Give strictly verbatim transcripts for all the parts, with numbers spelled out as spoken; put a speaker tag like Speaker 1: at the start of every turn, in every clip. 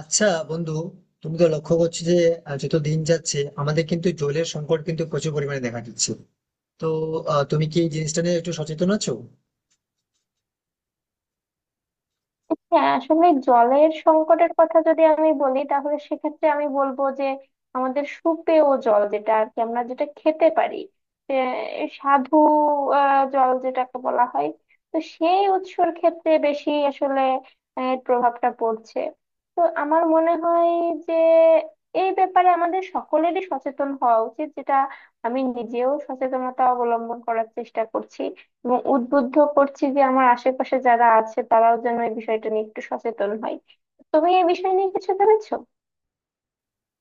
Speaker 1: আচ্ছা বন্ধু, তুমি তো লক্ষ্য করছো যে আহ, যত দিন যাচ্ছে আমাদের কিন্তু জলের সংকট কিন্তু প্রচুর পরিমাণে দেখা দিচ্ছে। তো আহ, তুমি কি এই জিনিসটা নিয়ে একটু সচেতন আছো?
Speaker 2: হ্যাঁ, আসলে জলের সংকটের কথা যদি আমি বলি তাহলে সেক্ষেত্রে আমি বলবো যে আমাদের সুপেয় জল, যেটা আর কি আমরা যেটা খেতে পারি, যে সাধু আহ, জল যেটাকে বলা হয়, তো সেই উৎসর ক্ষেত্রে বেশি আসলে আহ, এর প্রভাবটা পড়ছে। তো আমার মনে হয় যে এই ব্যাপারে আমাদের সকলেরই সচেতন হওয়া উচিত, যেটা আমি নিজেও সচেতনতা অবলম্বন করার চেষ্টা করছি এবং উদ্বুদ্ধ করছি যে আমার আশেপাশে যারা আছে তারাও যেন এই বিষয়টা নিয়ে একটু সচেতন হয়। তুমি এই বিষয় নিয়ে কিছু ভেবেছো?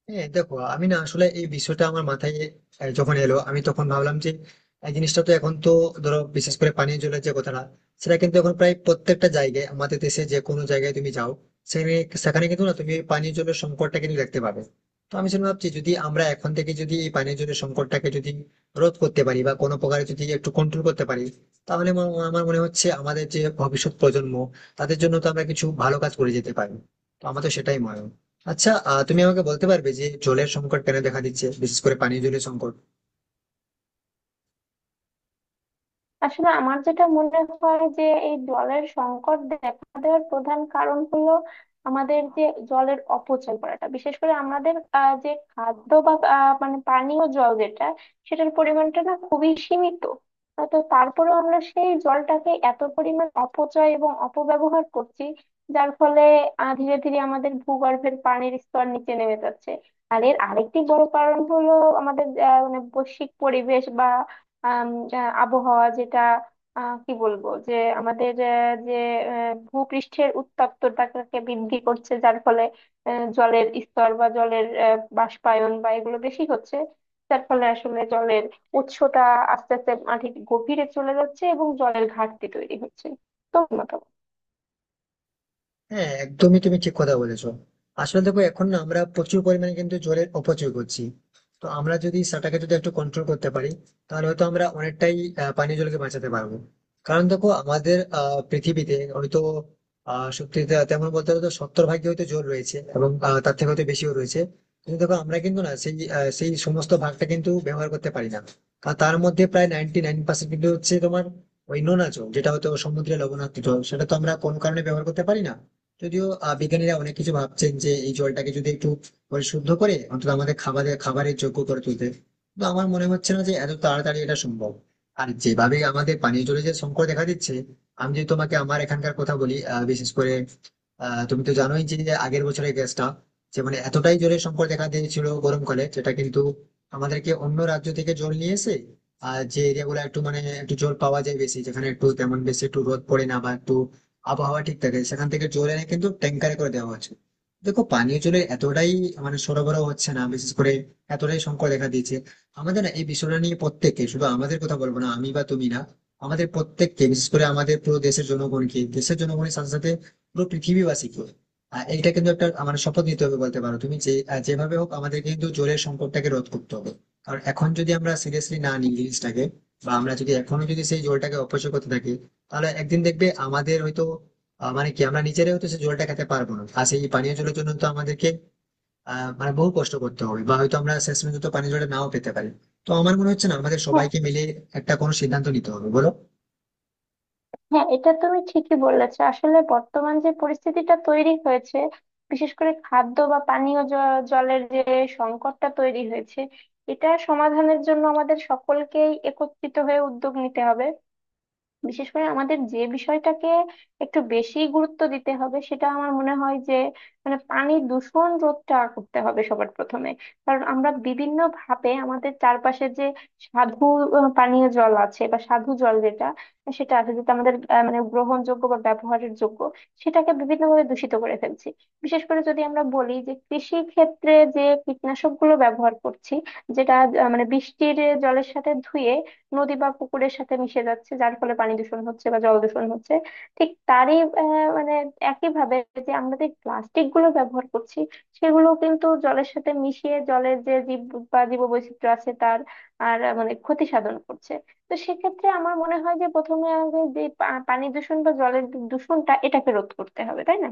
Speaker 1: হ্যাঁ দেখো, আমি না আসলে এই বিষয়টা আমার মাথায় আহ, যখন এলো, আমি তখন ভাবলাম যে এই জিনিসটা তো এখন তো ধরো বিশেষ করে পানীয় জলের যে কথাটা, সেটা কিন্তু এখন প্রায় প্রত্যেকটা জায়গায়, আমাদের দেশে যে কোনো জায়গায় তুমি যাও সেখানে, সেখানে কিন্তু না তুমি এই পানীয় জলের সংকটটা কিন্তু দেখতে পাবে। তো আমি সেটা ভাবছি, যদি আমরা এখন থেকে যদি এই পানীয় জলের সংকটটাকে যদি রোধ করতে পারি বা কোনো প্রকারে যদি একটু কন্ট্রোল করতে পারি, তাহলে আমার আমার মনে হচ্ছে আমাদের যে ভবিষ্যৎ প্রজন্ম, তাদের জন্য তো আমরা কিছু ভালো কাজ করে যেতে পারি। তো আমার তো সেটাই মনে হয়। আচ্ছা, আহ তুমি আমাকে বলতে পারবে যে জলের সংকট কেন দেখা দিচ্ছে, বিশেষ করে পানীয় জলের সংকট?
Speaker 2: আসলে আমার যেটা মনে হয় যে এই জলের সংকট দেখা দেওয়ার প্রধান কারণ হলো আমাদের যে জলের অপচয় করাটা। বিশেষ করে আমাদের আহ, যে খাদ্য বা আহ, মানে পানীয় জল যেটা, সেটার পরিমাণটা না খুবই সীমিত। আহ, তো তারপরেও আমরা সেই জলটাকে এত পরিমাণ অপচয় এবং অপব্যবহার করছি, যার ফলে আহ, ধীরে ধীরে আমাদের ভূগর্ভের পানির স্তর নিচে নেমে যাচ্ছে। আর এর আরেকটি বড় কারণ হলো আমাদের আহ, মানে বৈশ্বিক পরিবেশ বা আম, আহ, আবহাওয়া যেটা, আহ, কি বলবো যে আমাদের আহ, যে আহ, ভূপৃষ্ঠের উত্তপ্ততাকে বৃদ্ধি করছে, যার ফলে আহ, জলের স্তর বা জলের আহ, বাষ্পায়ন বা এগুলো বেশি হচ্ছে, যার ফলে আসলে জলের উৎসটা আস্তে আস্তে মাটির গভীরে চলে যাচ্ছে এবং জলের ঘাটতি তৈরি হচ্ছে। তো মতামত।
Speaker 1: হ্যাঁ একদমই, তুমি ঠিক কথা বলেছো। আসলে দেখো, এখন না আমরা প্রচুর পরিমাণে কিন্তু জলের অপচয় করছি। তো আমরা যদি সেটাকে যদি একটু কন্ট্রোল করতে পারি, তাহলে হয়তো আমরা অনেকটাই আহ, পানীয় জলকে বাঁচাতে পারবো। কারণ দেখো, আমাদের আহ পৃথিবীতে হয়তো আহ সত্যি তে- তেমন বলতে গেলে তো সত্তর ভাগে হয়তো জল রয়েছে এবং আহ, তার থেকে হয়তো বেশিও রয়েছে। কিন্তু দেখো, আমরা কিন্তু না সেই আহ, সেই সমস্ত ভাগটা কিন্তু ব্যবহার করতে পারি না। কারণ তার মধ্যে প্রায় নাইনটি নাইন পার্সেন্ট কিন্তু হচ্ছে তোমার ওই নোনা জল, যেটা হয়তো সমুদ্রে লবণাক্ত জল, সেটা তো আমরা কোনো কারণে ব্যবহার করতে পারি না। যদিও আহ, বিজ্ঞানীরা অনেক কিছু ভাবছেন যে এই জলটাকে যদি একটু পরিশুদ্ধ করে অন্তত আমাদের খাবারের খাবারের যোগ্য করে তুলতে। কিন্তু আমার মনে হচ্ছে না যে এত তাড়াতাড়ি এটা সম্ভব। আর যেভাবে আমাদের পানীয় জলের যে সংকট দেখা দিচ্ছে, আমি যদি তোমাকে আমার এখানকার কথা বলি, আহ, বিশেষ করে আহ, তুমি তো জানোই যে আগের বছরের গ্যাসটা যে, মানে এতটাই জোরে সংকট দেখা দিয়েছিল গরমকালে, যেটা কিন্তু আমাদেরকে অন্য রাজ্য থেকে জল নিয়ে এসে, আর যে এরিয়া গুলো একটু মানে একটু জল পাওয়া যায় বেশি, যেখানে একটু তেমন বেশি একটু রোদ পড়ে না বা একটু আবহাওয়া ঠিক থাকে, সেখান থেকে জল এনে কিন্তু ট্যাঙ্কারে করে দেওয়া হচ্ছে। দেখো, পানীয় জলের এতটাই মানে সরবরাহ হচ্ছে না, বিশেষ করে এতটাই সংকট দেখা দিয়েছে। আমাদের না এই বিষয়টা নিয়ে প্রত্যেককে, শুধু আমাদের কথা বলবো না আমি বা তুমি না, আমাদের প্রত্যেককে, বিশেষ করে আমাদের পুরো দেশের জনগণকে, দেশের জনগণের সাথে সাথে পুরো পৃথিবীবাসীকে, আহ, এটা কিন্তু একটা আমার শপথ নিতে হবে বলতে পারো তুমি, যে আহ, যেভাবে হোক আমাদের কিন্তু জলের সংকটটাকে রোধ করতে হবে। কারণ এখন যদি আমরা সিরিয়াসলি না নিই জিনিসটাকে, বা আমরা যদি এখনো যদি সেই জলটাকে অপচয় করতে থাকি, তাহলে একদিন দেখবে আমাদের হয়তো আহ, মানে কি আমরা নিজেরাই হয়তো সেই জলটা খেতে পারবো না, আর সেই পানীয় জলের জন্য তো আমাদেরকে আহ মানে বহু কষ্ট করতে হবে, বা হয়তো আমরা শেষ পর্যন্ত পানীয় জলটা নাও পেতে পারি। তো আমার মনে হচ্ছে না আমাদের সবাইকে মিলে একটা কোনো সিদ্ধান্ত নিতে হবে, বলো?
Speaker 2: হ্যাঁ, এটা তুমি ঠিকই বলেছ। আসলে বর্তমান যে পরিস্থিতিটা তৈরি হয়েছে, বিশেষ করে খাদ্য বা পানীয় জ- জলের যে সংকটটা তৈরি হয়েছে, এটা সমাধানের জন্য আমাদের সকলকেই একত্রিত হয়ে উদ্যোগ নিতে হবে। বিশেষ করে আমাদের যে বিষয়টাকে একটু বেশি গুরুত্ব দিতে হবে, সেটা আমার মনে হয় যে মানে পানি দূষণ রোধটা করতে হবে সবার প্রথমে। কারণ আমরা বিভিন্ন ভাবে আমাদের চারপাশে যে সাধু আহ, পানীয় জল আছে বা সাধু জল যেটা সেটা আছে, যেটা আমাদের আহ, মানে গ্রহণযোগ্য বা ব্যবহারের যোগ্য, সেটাকে বিভিন্নভাবে দূষিত করে ফেলছি। বিশেষ করে যদি আমরা বলি যে কৃষি ক্ষেত্রে যে কীটনাশক গুলো ব্যবহার করছি, যেটা আহ, মানে বৃষ্টির জলের সাথে ধুয়ে নদী বা পুকুরের সাথে মিশে যাচ্ছে, যার ফলে পানি দূষণ হচ্ছে বা জল দূষণ হচ্ছে। ঠিক তারই আহ, মানে একই ভাবে, যে আমরা যে প্লাস্টিক গুলো ব্যবহার করছি, সেগুলো কিন্তু জলের সাথে মিশিয়ে জলের যে জীব বা জীববৈচিত্র্য আছে তার আর আহ, মানে ক্ষতি সাধন করছে। তো সেক্ষেত্রে আমার মনে হয় যে প্রথমে আগে যে পা- পানি দূষণ বা জলের দূষণটা, এটাকে রোধ করতে হবে, তাই না?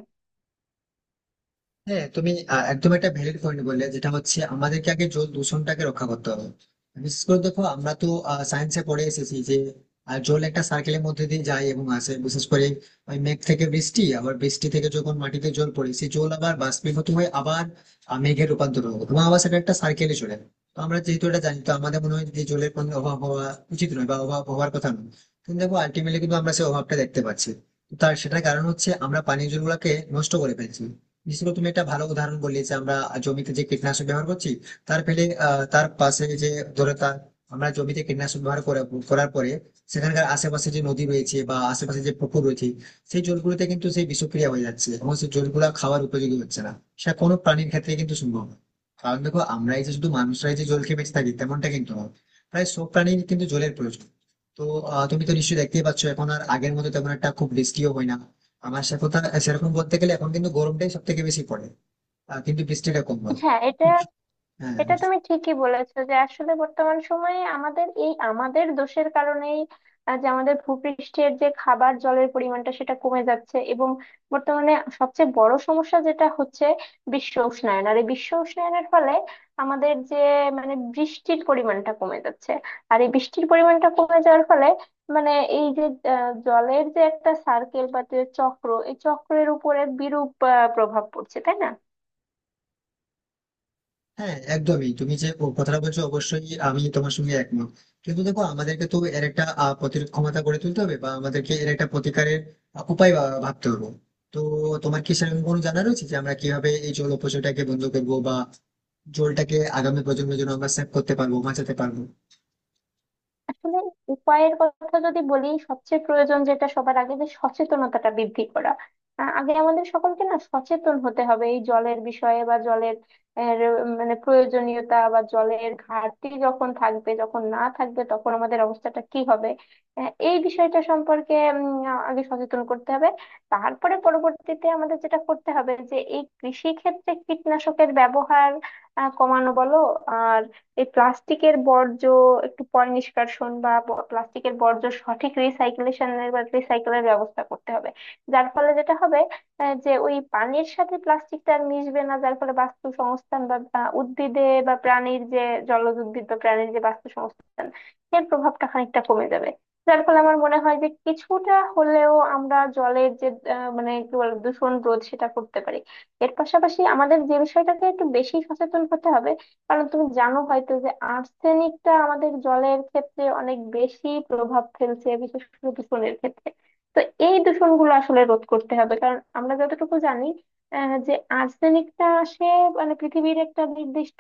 Speaker 1: হ্যাঁ তুমি আহ, একদম একটা ভ্যালিড পয়েন্ট বললে, যেটা হচ্ছে আমাদেরকে আগে জল দূষণটাকে রক্ষা করতে হবে। বিশেষ করে দেখো, আমরা তো সায়েন্সে পড়ে এসেছি যে আহ, জল একটা সার্কেলের মধ্যে দিয়ে যায় এবং আসে, বিশেষ করে ওই মেঘ থেকে বৃষ্টি, আবার বৃষ্টি থেকে যখন মাটিতে জল পড়ে, সেই জল আবার বাষ্পীভূত হয়ে আবার আহ, মেঘে রূপান্তর হবে, এবং আবার সেটা একটা সার্কেলে চলে। তো আমরা যেহেতু এটা জানি, তো আমাদের মনে হয় যে জলের কোনো অভাব হওয়া উচিত নয় বা অভাব হওয়ার কথা নয়। কিন্তু দেখো, আলটিমেটলি কিন্তু আমরা সেই অভাবটা দেখতে পাচ্ছি। তার সেটার কারণ হচ্ছে আমরা পানীয় জলগুলোকে নষ্ট করে ফেলছি। বিশেষ করে তুমি একটা ভালো উদাহরণ বললে যে আমরা জমিতে যে কীটনাশক ব্যবহার করছি, তার ফলে আহ, তার পাশে যে ধরো তার, আমরা জমিতে কীটনাশক ব্যবহার করা- করার পরে সেখানকার আশেপাশে যে নদী রয়েছে বা আশেপাশে যে পুকুর রয়েছে, সেই জলগুলোতে কিন্তু সেই বিষক্রিয়া হয়ে যাচ্ছে এবং সেই জলগুলো খাওয়ার উপযোগী হচ্ছে না। সেটা কোনো প্রাণীর ক্ষেত্রে কিন্তু সম্ভব না। কারণ দেখো, আমরাই যে শুধু মানুষরাই যে জল খেয়ে বেঁচে থাকি তেমনটা কিন্তু নয়, প্রায় সব প্রাণীর কিন্তু জলের প্রয়োজন। তো আহ, তুমি তো নিশ্চয়ই দেখতেই পাচ্ছ এখন আর আগের মতো তেমন একটা খুব বৃষ্টিও হয় না। আমার সে কথা সেরকম বলতে গেলে এখন কিন্তু গরমটাই সব থেকে বেশি পড়ে, আহ, কিন্তু বৃষ্টিটা কম হয়।
Speaker 2: হ্যাঁ, এটা
Speaker 1: হ্যাঁ।
Speaker 2: এটা তুমি ঠিকই বলেছো যে আসলে বর্তমান সময়ে আমাদের এই আমাদের দোষের কারণেই আহ, যে আমাদের ভূপৃষ্ঠের যে খাবার জলের পরিমাণটা সেটা কমে যাচ্ছে। এবং বর্তমানে সবচেয়ে বড় সমস্যা যেটা হচ্ছে বিশ্ব উষ্ণায়ন। আর এই বিশ্ব উষ্ণায়নের ফলে আমাদের যে মানে বৃষ্টির পরিমাণটা কমে যাচ্ছে, আর এই বৃষ্টির পরিমাণটা কমে যাওয়ার ফলে মানে এই যে আহ, জলের যে একটা সার্কেল বা যে চক্র, এই চক্রের উপরে বিরূপ আহ, প্রভাব পড়ছে, তাই না?
Speaker 1: হ্যাঁ একদমই, তুমি যে ও কথাটা বলছো অবশ্যই আমি তোমার সঙ্গে একমত। কিন্তু দেখো, আমাদেরকে তো এর একটা আহ, প্রতিরোধ ক্ষমতা গড়ে তুলতে হবে, বা আমাদেরকে এর একটা প্রতিকারের আহ, উপায় ভা- ভাবতে হবে। তো তোমার কি সেরকম কোনো জানা রয়েছে যে আমরা কিভাবে এই জল অপচয়টাকে বন্ধ করবো, বা জলটাকে আগামী প্রজন্মের জন্য আমরা সেভ করতে পারবো, বাঁচাতে পারবো?
Speaker 2: আসলে উপায়ের কথা যদি বলি, সবচেয়ে প্রয়োজন যেটা সবার আগে, যে সচেতনতাটা বৃদ্ধি করা। আ- আগে আমাদের সকলকে না সচেতন হতে হবে এই জলের বিষয়ে বা জলের এর, মানে প্রয়োজনীয়তা, বা জলের ঘাটতি যখন থাকবে, যখন না থাকবে তখন আমাদের অবস্থাটা কি হবে, আ, এই বিষয়টা সম্পর্কে উম, আ- আগে সচেতন করতে হবে। তারপরে পরবর্তীতে আমাদের যেটা করতে হবে যে এই কৃষি ক্ষেত্রে কীটনাশকের ব্যবহার আ, কমানো, বলো। আর এই প্লাস্টিকের বর্জ্য একটু পয় নিষ্কাশন বা ব- প্লাস্টিকের বর্জ্য সঠিক রিসাইকেলেশনের বা রিসাইকেলের ব্যবস্থা করতে হবে, যার ফলে যেটা হবে আহ, যে ওই পানির সাথে প্লাস্টিকটা আর মিশবে না, যার ফলে বাস্তুসংস্থান বা বা উদ্ভিদে বা প্রাণীর যে জলজ উদ্ভিদ বা প্রাণীর যে বাস্তুসংস্থান, এর প্রভাবটা খানিকটা কমে যাবে। যার ফলে আমার মনে হয় যে কিছুটা হলেও আমরা জলের যে আহ, মানে কি বলে দূষণ রোধ সেটা করতে পারি। এর পাশাপাশি আমাদের যে বিষয়টাতে একটু বেশি সচেতন হতে হবে, কারণ তুমি জানো হয়তো যে আর্সেনিকটা আমাদের জলের ক্ষেত্রে অনেক বেশি প্রভাব ফেলছে, বিশেষ করে দূষণের ক্ষেত্রে। তো এই দূষণগুলো আসলে রোধ করতে হবে, কারণ আমরা যতটুকু জানি আহ, যে আর্সেনিকটা আসে মানে পৃথিবীর একটা নির্দিষ্ট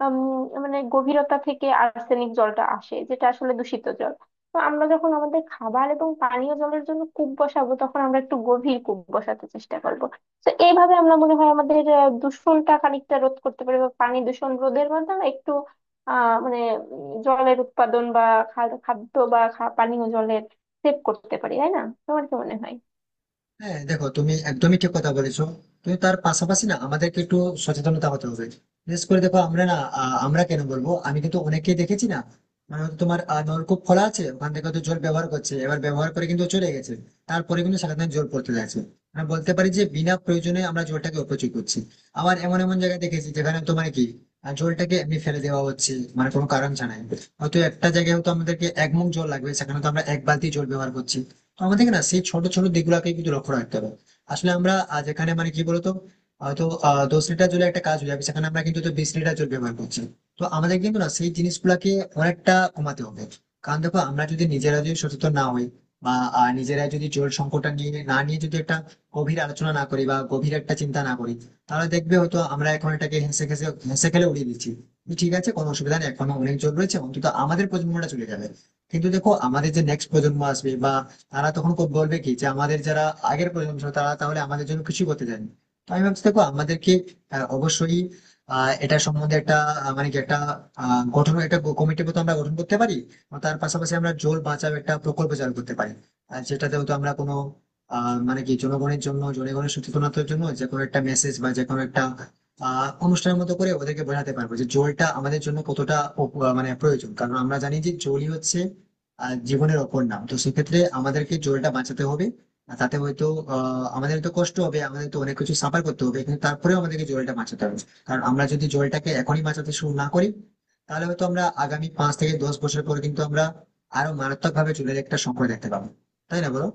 Speaker 2: উম, মানে গভীরতা থেকে আর্সেনিক জলটা আসে, যেটা আসলে দূষিত জল। তো আমরা যখন আমাদের খাবার এবং পানীয় জলের জন্য কূপ বসাবো, তখন আমরা একটু গভীর কূপ বসাতে চেষ্টা করব। তো এইভাবে আমরা মনে হয় আমাদের আহ, দূষণটা খানিকটা রোধ করতে পারি, বা পানি দূষণ রোধের মাধ্যমে একটু আহ মানে উম, জলের উৎপাদন বা খা- খাদ্য বা খা- পানীয় জলের সেভ করতে পারি, তাই না? তোমার কি মনে হয়?
Speaker 1: হ্যাঁ দেখো, তুমি একদমই ঠিক কথা বলেছো। কিন্তু তার পাশাপাশি না আমাদেরকে একটু সচেতনতা হতে হবে। বিশেষ করে দেখো, আমরা না আহ, আমরা কেন বলবো, আমি কিন্তু অনেককেই দেখেছি না, মানে হয়তো তোমার আহ, নলকূপ খোলা আছে, ওখান থেকে হয়তো জল ব্যবহার করছে, এবার ব্যবহার করে কিন্তু চলে গেছে, তারপরে কিন্তু সেখানে জল পড়তে যাচ্ছে। আমি বলতে পারি যে বিনা প্রয়োজনে আমরা জলটাকে অপচয় করছি। আবার এমন এমন জায়গায় দেখেছি যেখানে তোমার কি আহ, জলটাকে এমনি ফেলে দেওয়া হচ্ছে, মানে কোনো কারণ ছাড়াই। হয়তো একটা জায়গায় হয়তো আমাদেরকে এক মুখ জল লাগবে, সেখানে তো আমরা এক বালতি জল ব্যবহার করছি। তো আমাদের না সেই ছোট ছোট দিকগুলোকে কিন্তু লক্ষ্য রাখতে হবে। আসলে আমরা আহ, যেখানে মানে কি বলতো হয়তো আহ দশ লিটার জলের একটা কাজ হয়ে যাবে, সেখানে আমরা কিন্তু তো বিশ লিটার জল ব্যবহার করছি। তো আমাদের কিন্তু না সেই জিনিসগুলাকে অনেকটা কমাতে হবে। কারণ দেখো, আমরা যদি নিজেরা যদি সচেতন না হই, বা আহ, নিজেরা যদি জল সংকটটা নিয়ে না নিয়ে যদি একটা গভীর আলোচনা না করি বা গভীর একটা চিন্তা না করি, তাহলে দেখবে হয়তো আমরা এখন এটাকে হেসে খেসে হেসে খেলে উড়িয়ে দিচ্ছি, ঠিক আছে কোনো অসুবিধা নেই, এখনো অনেক জল রয়েছে, অন্তত আমাদের প্রজন্মটা চলে যাবে। কিন্তু দেখো, আমাদের যে নেক্সট প্রজন্ম আসবে, বা তারা তখন ক- বলবে কি যে আমাদের যারা আগের প্রজন্ম ছিল তারা তাহলে আমাদের জন্য কিছু করতে চায়নি। তো আমি ভাবছি দেখো, আমাদেরকে আহ, অবশ্যই আহ এটা সম্বন্ধে একটা আহ, মানে কি একটা আহ, গঠন একটা কমিটি মতো আমরা গঠন করতে পারি। আর তার পাশাপাশি আমরা জল বাঁচাও একটা প্রকল্প চালু করতে পারি। আর যেটাতে হয়তো আমরা কোনো আহ মানে কি জনগণের জন্য, জনগণের সচেতনতার জন্য যে কোনো একটা মেসেজ, বা যে কোনো একটা আহ অনুষ্ঠানের মতো করে ওদেরকে বোঝাতে পারবো যে জলটা আমাদের জন্য কতটা উপ- আহ, মানে প্রয়োজন। কারণ আমরা জানি যে জলই হচ্ছে আহ, জীবনের অপর নাম। তো সেক্ষেত্রে আমাদেরকে জলটা বাঁচাতে হবে। আর তাতে হয়তো আহ আমাদের তো কষ্ট হবে, আমাদের তো অনেক কিছু সাফার করতে হবে, কিন্তু তারপরেও আমাদেরকে জলটা বাঁচাতে হবে। কারণ আমরা যদি জলটাকে এখনই বাঁচাতে শুরু না করি, তাহলে হয়তো আমরা আগামী পাঁচ থেকে দশ বছর পরে কিন্তু আমরা আরো মারাত্মক ভাবে জলের একটা সংকট দেখতে পাবো। তাই না বলো?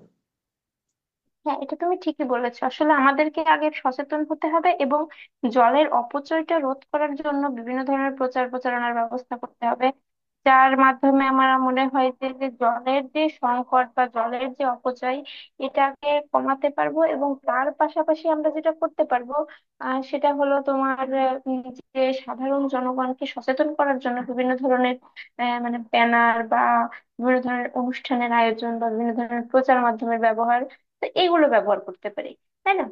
Speaker 2: হ্যাঁ, এটা তুমি ঠিকই বলেছো। আসলে আমাদেরকে আগে সচেতন হতে হবে এবং জলের অপচয়টা রোধ করার জন্য বিভিন্ন ধরনের প্রচার প্রচারণার ব্যবস্থা করতে হবে, যার মাধ্যমে আমার মনে হয় যে যে জলের যে সংকট বা জলের যে অপচয়, এটাকে কমাতে পারবো। এবং তার পাশাপাশি আমরা যেটা করতে পারবো আহ সেটা হলো তোমার আহ, উম, যে সাধারণ জনগণকে সচেতন করার জন্য বিভিন্ন ধরনের আহ, মানে ব্যানার বা বিভিন্ন ধরনের অনুষ্ঠানের আয়োজন বা বিভিন্ন ধরনের প্রচার মাধ্যমের ব্যবহার, তো এগুলো ব্যবহার করতে পারি, তাই না?